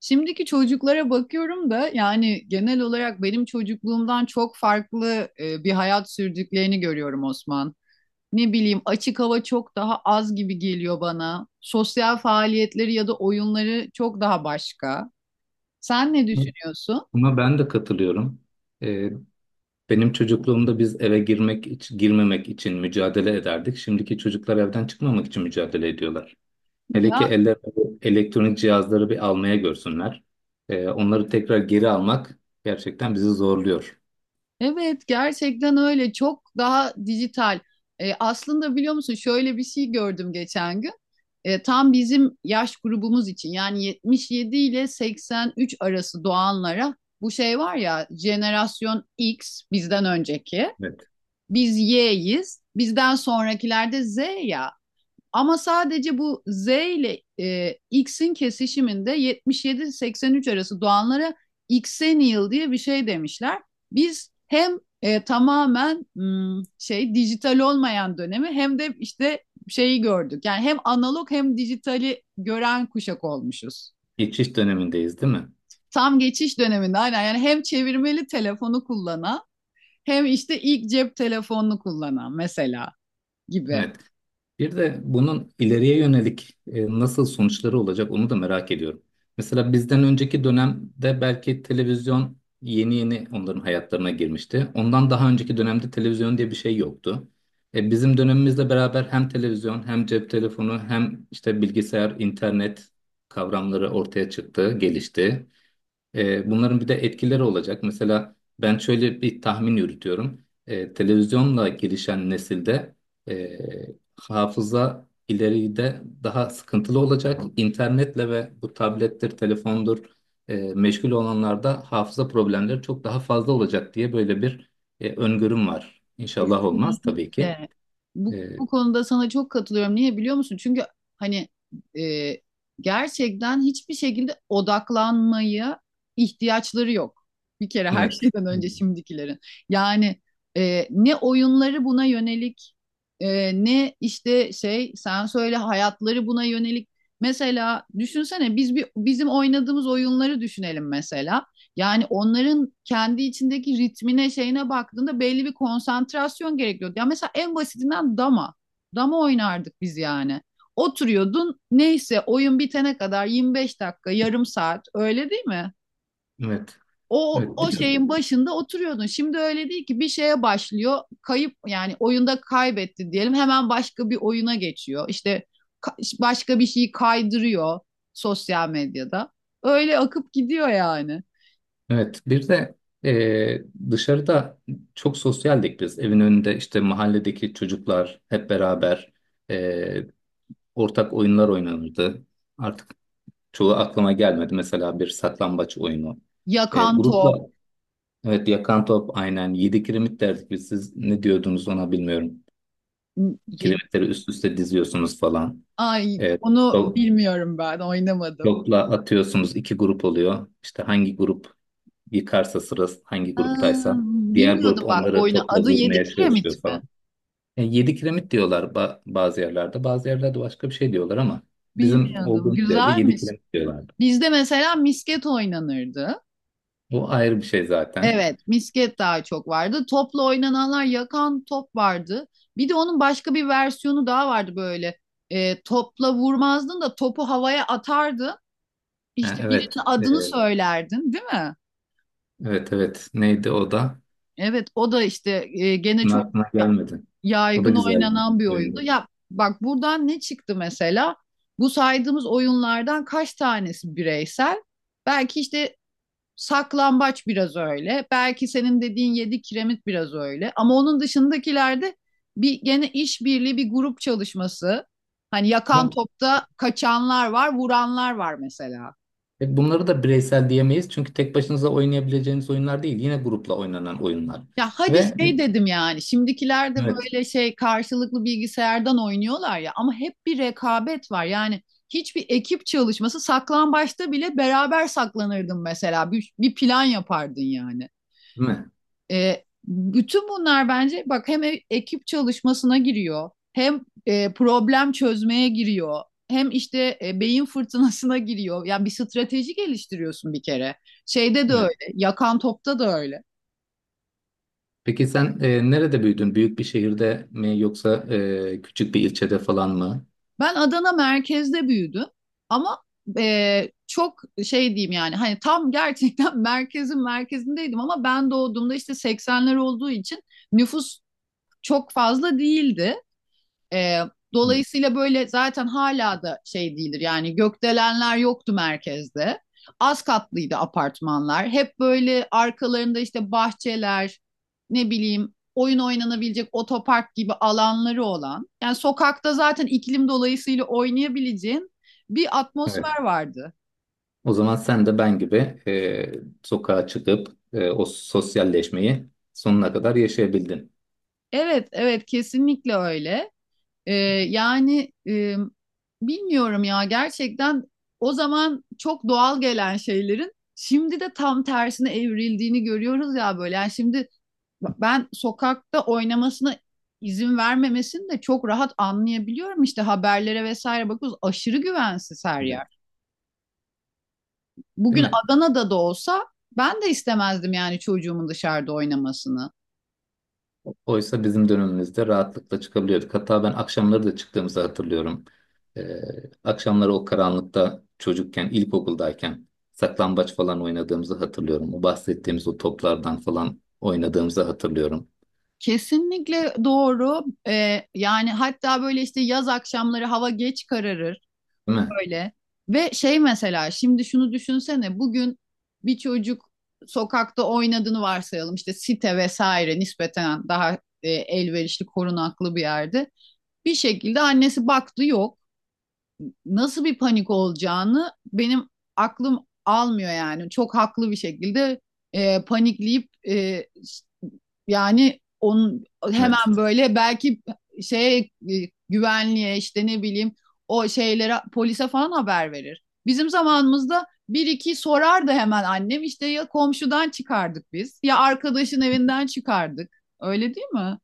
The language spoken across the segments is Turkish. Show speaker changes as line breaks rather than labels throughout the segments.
Şimdiki çocuklara bakıyorum da yani genel olarak benim çocukluğumdan çok farklı bir hayat sürdüklerini görüyorum Osman. Ne bileyim açık hava çok daha az gibi geliyor bana. Sosyal faaliyetleri ya da oyunları çok daha başka. Sen ne düşünüyorsun?
Buna ben de katılıyorum. Ee, benim çocukluğumda biz eve girmek girmemek için mücadele ederdik. Şimdiki çocuklar evden çıkmamak için mücadele ediyorlar. Hele ki eller bu elektronik cihazları bir almaya görsünler. Onları tekrar geri almak gerçekten bizi zorluyor.
Evet, gerçekten öyle, çok daha dijital. Aslında biliyor musun, şöyle bir şey gördüm geçen gün. Tam bizim yaş grubumuz için, yani 77 ile 83 arası doğanlara, bu şey var ya, jenerasyon X bizden önceki.
Evet.
Biz Y'yiz. Bizden sonrakiler de Z ya. Ama sadece bu Z ile X'in kesişiminde 77-83 arası doğanlara Xennial diye bir şey demişler. Biz hem e, tamamen hmm, şey dijital olmayan dönemi hem de işte şeyi gördük. Yani hem analog hem dijitali gören kuşak olmuşuz.
Geçiş dönemindeyiz, değil mi?
Tam geçiş döneminde, aynen. Yani hem çevirmeli telefonu kullanan hem işte ilk cep telefonunu kullanan mesela gibi.
Evet. Bir de bunun ileriye yönelik nasıl sonuçları olacak onu da merak ediyorum. Mesela bizden önceki dönemde belki televizyon yeni yeni onların hayatlarına girmişti. Ondan daha önceki dönemde televizyon diye bir şey yoktu. Bizim dönemimizle beraber hem televizyon hem cep telefonu hem işte bilgisayar, internet kavramları ortaya çıktı, gelişti. Bunların bir de etkileri olacak. Mesela ben şöyle bir tahmin yürütüyorum. Televizyonla gelişen nesilde e, hafıza ileride daha sıkıntılı olacak. İnternetle ve bu tablettir, telefondur meşgul olanlarda hafıza problemleri çok daha fazla olacak diye böyle bir öngörüm var. İnşallah olmaz tabii ki.
Kesinlikle. Bu,
E,
bu konuda sana çok katılıyorum. Niye biliyor musun? Çünkü hani e, gerçekten hiçbir şekilde odaklanmaya ihtiyaçları yok. Bir kere her
evet,
şeyden önce şimdikilerin. Yani ne oyunları buna yönelik, e, ne işte şey sen söyle hayatları buna yönelik. Mesela düşünsene, biz bir bizim oynadığımız oyunları düşünelim mesela. Yani onların kendi içindeki ritmine şeyine baktığında belli bir konsantrasyon gerekiyordu. Ya mesela en basitinden dama. Dama oynardık biz yani. Oturuyordun, neyse oyun bitene kadar 25 dakika, yarım saat, öyle değil mi?
evet,
O,
evet. Bir
o
de
şeyin başında oturuyordun. Şimdi öyle değil ki, bir şeye başlıyor, kayıp yani oyunda kaybetti diyelim, hemen başka bir oyuna geçiyor. İşte başka bir şeyi kaydırıyor sosyal medyada. Öyle akıp gidiyor yani.
Evet, bir de eee, dışarıda çok sosyaldik biz. Evin önünde işte mahalledeki çocuklar hep beraber eee, ortak oyunlar oynanırdı. Artık çoğu aklıma gelmedi. Mesela bir saklambaç oyunu.
Yakan
Grupla
top.
evet, yakan top, aynen, yedi kiremit derdik biz. Siz ne diyordunuz ona bilmiyorum.
Yedi.
Kiremitleri üst üste diziyorsunuz falan.
Ay,
Eee,
onu
top-
bilmiyorum, ben oynamadım.
topla atıyorsunuz, iki grup oluyor. İşte hangi grup yıkarsa, sırası hangi
Aa,
gruptaysa. Diğer
bilmiyordum
grup
bak bu
onları
oyunu.
topla
Adı Yedi
vurmaya çalışıyor
Kiremit mi?
falan. Yani yedi kiremit diyorlar bazı yerlerde. Bazı yerlerde başka bir şey diyorlar ama bizim
Bilmiyordum.
olduğumuz yerde yedi
Güzelmiş.
kiremit diyorlardı.
Bizde mesela misket oynanırdı.
Bu ayrı bir şey zaten.
Evet, misket daha çok vardı. Topla oynananlar, yakan top vardı. Bir de onun başka bir versiyonu daha vardı böyle. Topla vurmazdın da topu havaya atardın.
Ha,
İşte
evet.
birinin
Ee,
adını söylerdin, değil mi?
evet evet. Neydi o da?
Evet, o da işte gene
Bunun
çok
aklına gelmedi. O da
yaygın
güzel bir
oynanan bir oyundu.
oyundu.
Ya bak, buradan ne çıktı mesela? Bu saydığımız oyunlardan kaç tanesi bireysel? Belki işte saklambaç biraz öyle. Belki senin dediğin yedi kiremit biraz öyle. Ama onun dışındakilerde bir gene işbirliği, bir grup çalışması. Hani yakan
Ama
topta kaçanlar var, vuranlar var mesela.
bunları da bireysel diyemeyiz. Çünkü tek başınıza oynayabileceğiniz oyunlar değil. Yine grupla oynanan oyunlar.
Ya hadi
Ve
şey dedim yani, şimdikiler de
evet.
böyle şey karşılıklı bilgisayardan oynuyorlar ya, ama hep bir rekabet var. Yani hiçbir ekip çalışması. Saklambaçta bile beraber saklanırdın mesela, bir plan yapardın yani.
Değil mi?
Bütün bunlar bence bak, hem ekip çalışmasına giriyor, hem problem çözmeye giriyor, hem işte beyin fırtınasına giriyor. Yani bir strateji geliştiriyorsun bir kere. Şeyde de öyle,
Evet.
yakan topta da öyle.
Peki sen nerede büyüdün? Büyük bir şehirde mi yoksa küçük bir ilçede falan mı?
Ben Adana merkezde büyüdüm ama çok şey diyeyim yani, hani tam gerçekten merkezin merkezindeydim, ama ben doğduğumda işte 80'ler olduğu için nüfus çok fazla değildi. Ee,
Hı.
Dolayısıyla böyle zaten hala da şey değildir yani, gökdelenler yoktu merkezde. Az katlıydı apartmanlar. Hep böyle arkalarında işte bahçeler, ne bileyim oyun oynanabilecek otopark gibi alanları olan. Yani sokakta zaten iklim dolayısıyla oynayabileceğin bir
Evet.
atmosfer vardı.
O zaman sen de ben gibi e, sokağa çıkıp o sosyalleşmeyi sonuna kadar yaşayabildin.
Evet, evet, kesinlikle öyle. Ee, yani e, Bilmiyorum ya, gerçekten o zaman çok doğal gelen şeylerin şimdi de tam tersine evrildiğini görüyoruz ya böyle. Yani şimdi ben sokakta oynamasına izin vermemesini de çok rahat anlayabiliyorum. İşte haberlere vesaire bakıyoruz, aşırı güvensiz her yer.
Evet. Değil
Bugün
mi?
Adana'da da olsa ben de istemezdim yani çocuğumun dışarıda oynamasını.
Oysa bizim dönemimizde rahatlıkla çıkabiliyorduk. Hatta ben akşamları da çıktığımızı hatırlıyorum. E, akşamları o karanlıkta çocukken, ilkokuldayken saklambaç falan oynadığımızı hatırlıyorum. O bahsettiğimiz o toplardan falan oynadığımızı hatırlıyorum.
Kesinlikle doğru. Yani hatta böyle işte yaz akşamları hava geç kararır.
Değil mi?
Öyle. Ve şey mesela şimdi şunu düşünsene, bugün bir çocuk sokakta oynadığını varsayalım, işte site vesaire nispeten daha elverişli korunaklı bir yerde, bir şekilde annesi baktı yok, nasıl bir panik olacağını benim aklım almıyor yani. Çok haklı bir şekilde panikleyip yani onun
Evet.
hemen böyle belki şey güvenliğe, işte ne bileyim, o şeylere, polise falan haber verir. Bizim zamanımızda bir iki sorardı hemen annem, işte ya komşudan çıkardık biz, ya arkadaşın evinden çıkardık. Öyle değil mi?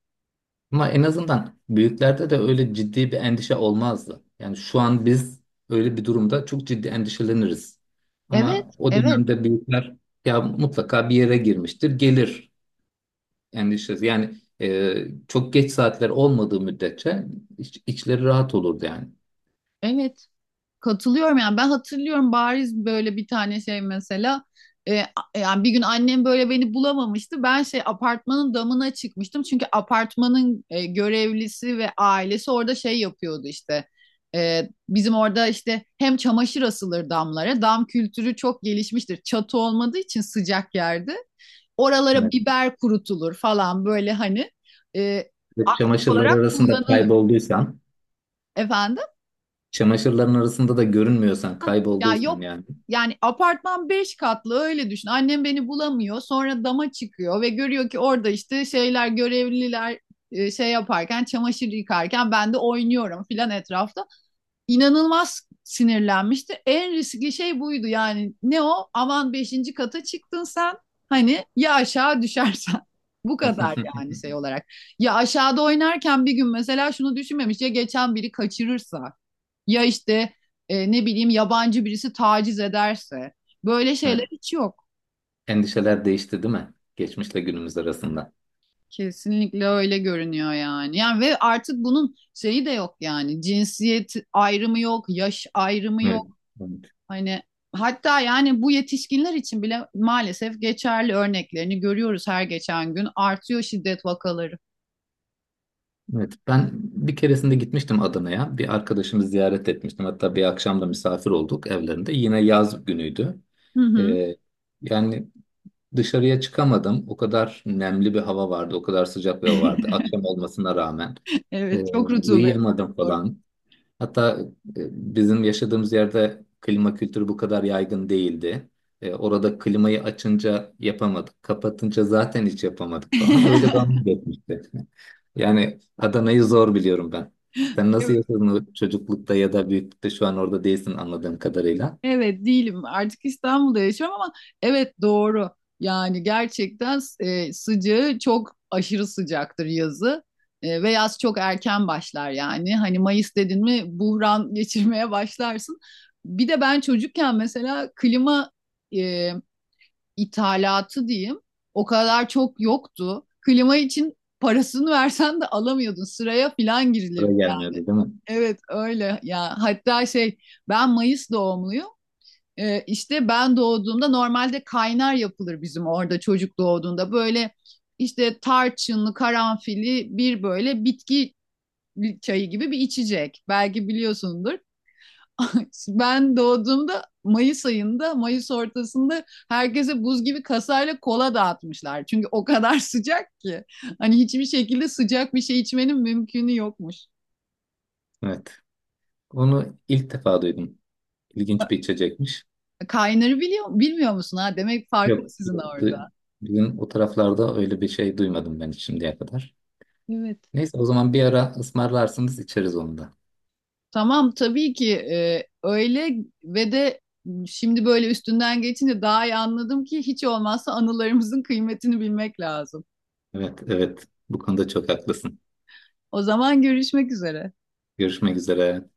Ama en azından büyüklerde de öyle ciddi bir endişe olmazdı. Yani şu an biz öyle bir durumda çok ciddi endişeleniriz.
Evet,
Ama o
evet,
dönemde büyükler ya mutlaka bir yere girmiştir, gelir endişesi. Yani çok geç saatler olmadığı müddetçe içleri rahat olurdu yani.
evet. Katılıyorum yani, ben hatırlıyorum bariz böyle bir tane şey mesela e, a- yani bir gün annem böyle beni bulamamıştı. Ben şey apartmanın damına çıkmıştım çünkü apartmanın görevlisi ve ailesi orada şey yapıyordu işte. Bizim orada işte hem çamaşır asılır damlara. Dam kültürü çok gelişmiştir. Çatı olmadığı için, sıcak yerde. Oralara
Evet.
biber kurutulur falan böyle, hani e,
Ve
aktif
çamaşırlar
olarak
arasında
kullanılır.
kaybolduysan,
Efendim?
çamaşırların arasında da görünmüyorsan,
Ya
kaybolduysan
yok
yani.
yani, apartman 5 katlı öyle düşün. Annem beni bulamıyor. Sonra dama çıkıyor ve görüyor ki orada işte şeyler, görevliler şey yaparken, çamaşır yıkarken ben de oynuyorum filan etrafta. İnanılmaz sinirlenmişti. En riskli şey buydu yani. Ne o? Aman beşinci kata çıktın sen. Hani ya aşağı düşersen. Bu kadar yani şey olarak. Ya aşağıda oynarken bir gün mesela şunu düşünmemiş ya, geçen biri kaçırırsa. Ya işte ne bileyim, yabancı birisi taciz ederse. Böyle şeyler
Evet,
hiç yok.
endişeler değişti değil mi? Geçmişle günümüz arasında.
Kesinlikle öyle görünüyor yani. Yani ve artık bunun şeyi de yok yani. Cinsiyet ayrımı yok, yaş ayrımı
Evet.
yok. Hani hatta yani bu yetişkinler için bile maalesef geçerli, örneklerini görüyoruz her geçen gün. Artıyor şiddet vakaları.
Evet, ben bir keresinde gitmiştim Adana'ya. Bir arkadaşımı ziyaret etmiştim. Hatta bir akşam da misafir olduk evlerinde. Yine yaz günüydü.
Hı hı.
Ee, yani dışarıya çıkamadım. O kadar nemli bir hava vardı. O kadar sıcak bir hava vardı. Akşam olmasına rağmen. Ee,
Evet, çok rutubet.
uyuyamadım
Doğru.
falan. Hatta bizim yaşadığımız yerde klima kültürü bu kadar yaygın değildi. Orada klimayı açınca yapamadık. Kapatınca zaten hiç yapamadık falan. Öyle bana geçmişti. Yani Adana'yı zor biliyorum ben. Sen nasıl yaşadın o çocuklukta ya da büyüklükte şu an orada değilsin anladığım kadarıyla.
Evet, değilim. Artık İstanbul'da yaşıyorum ama evet, doğru. Yani gerçekten sıcağı çok, aşırı sıcaktır yazı. Ve yaz çok erken başlar yani. Hani Mayıs dedin mi buhran geçirmeye başlarsın. Bir de ben çocukken mesela klima e, ithalatı diyeyim, o kadar çok yoktu. Klima için parasını versen de alamıyordun. Sıraya filan girilirdi
Oraya
yani.
gelmiyordu değil mi?
Evet öyle ya. Hatta şey, ben Mayıs doğumluyum. İşte ben doğduğumda normalde kaynar yapılır bizim orada, çocuk doğduğunda. Böyle işte tarçınlı, karanfilli bir böyle bitki çayı gibi bir içecek. Belki biliyorsundur. Ben doğduğumda Mayıs ayında, Mayıs ortasında herkese buz gibi kasayla kola dağıtmışlar. Çünkü o kadar sıcak ki. Hani hiçbir şekilde sıcak bir şey içmenin mümkünü yokmuş.
Evet. Onu ilk defa duydum. İlginç bir içecekmiş.
Kaynarı biliyor, bilmiyor musun ha? Demek farklı
Yok,
sizin orada.
yoktu. Bizim o taraflarda öyle bir şey duymadım ben şimdiye kadar.
Evet.
Neyse o zaman bir ara ısmarlarsınız içeriz onu da.
Tamam tabii ki, öyle. Ve de şimdi böyle üstünden geçince daha iyi anladım ki hiç olmazsa anılarımızın kıymetini bilmek lazım.
Evet, evet. Bu konuda çok haklısın.
O zaman görüşmek üzere.
Görüşmek üzere.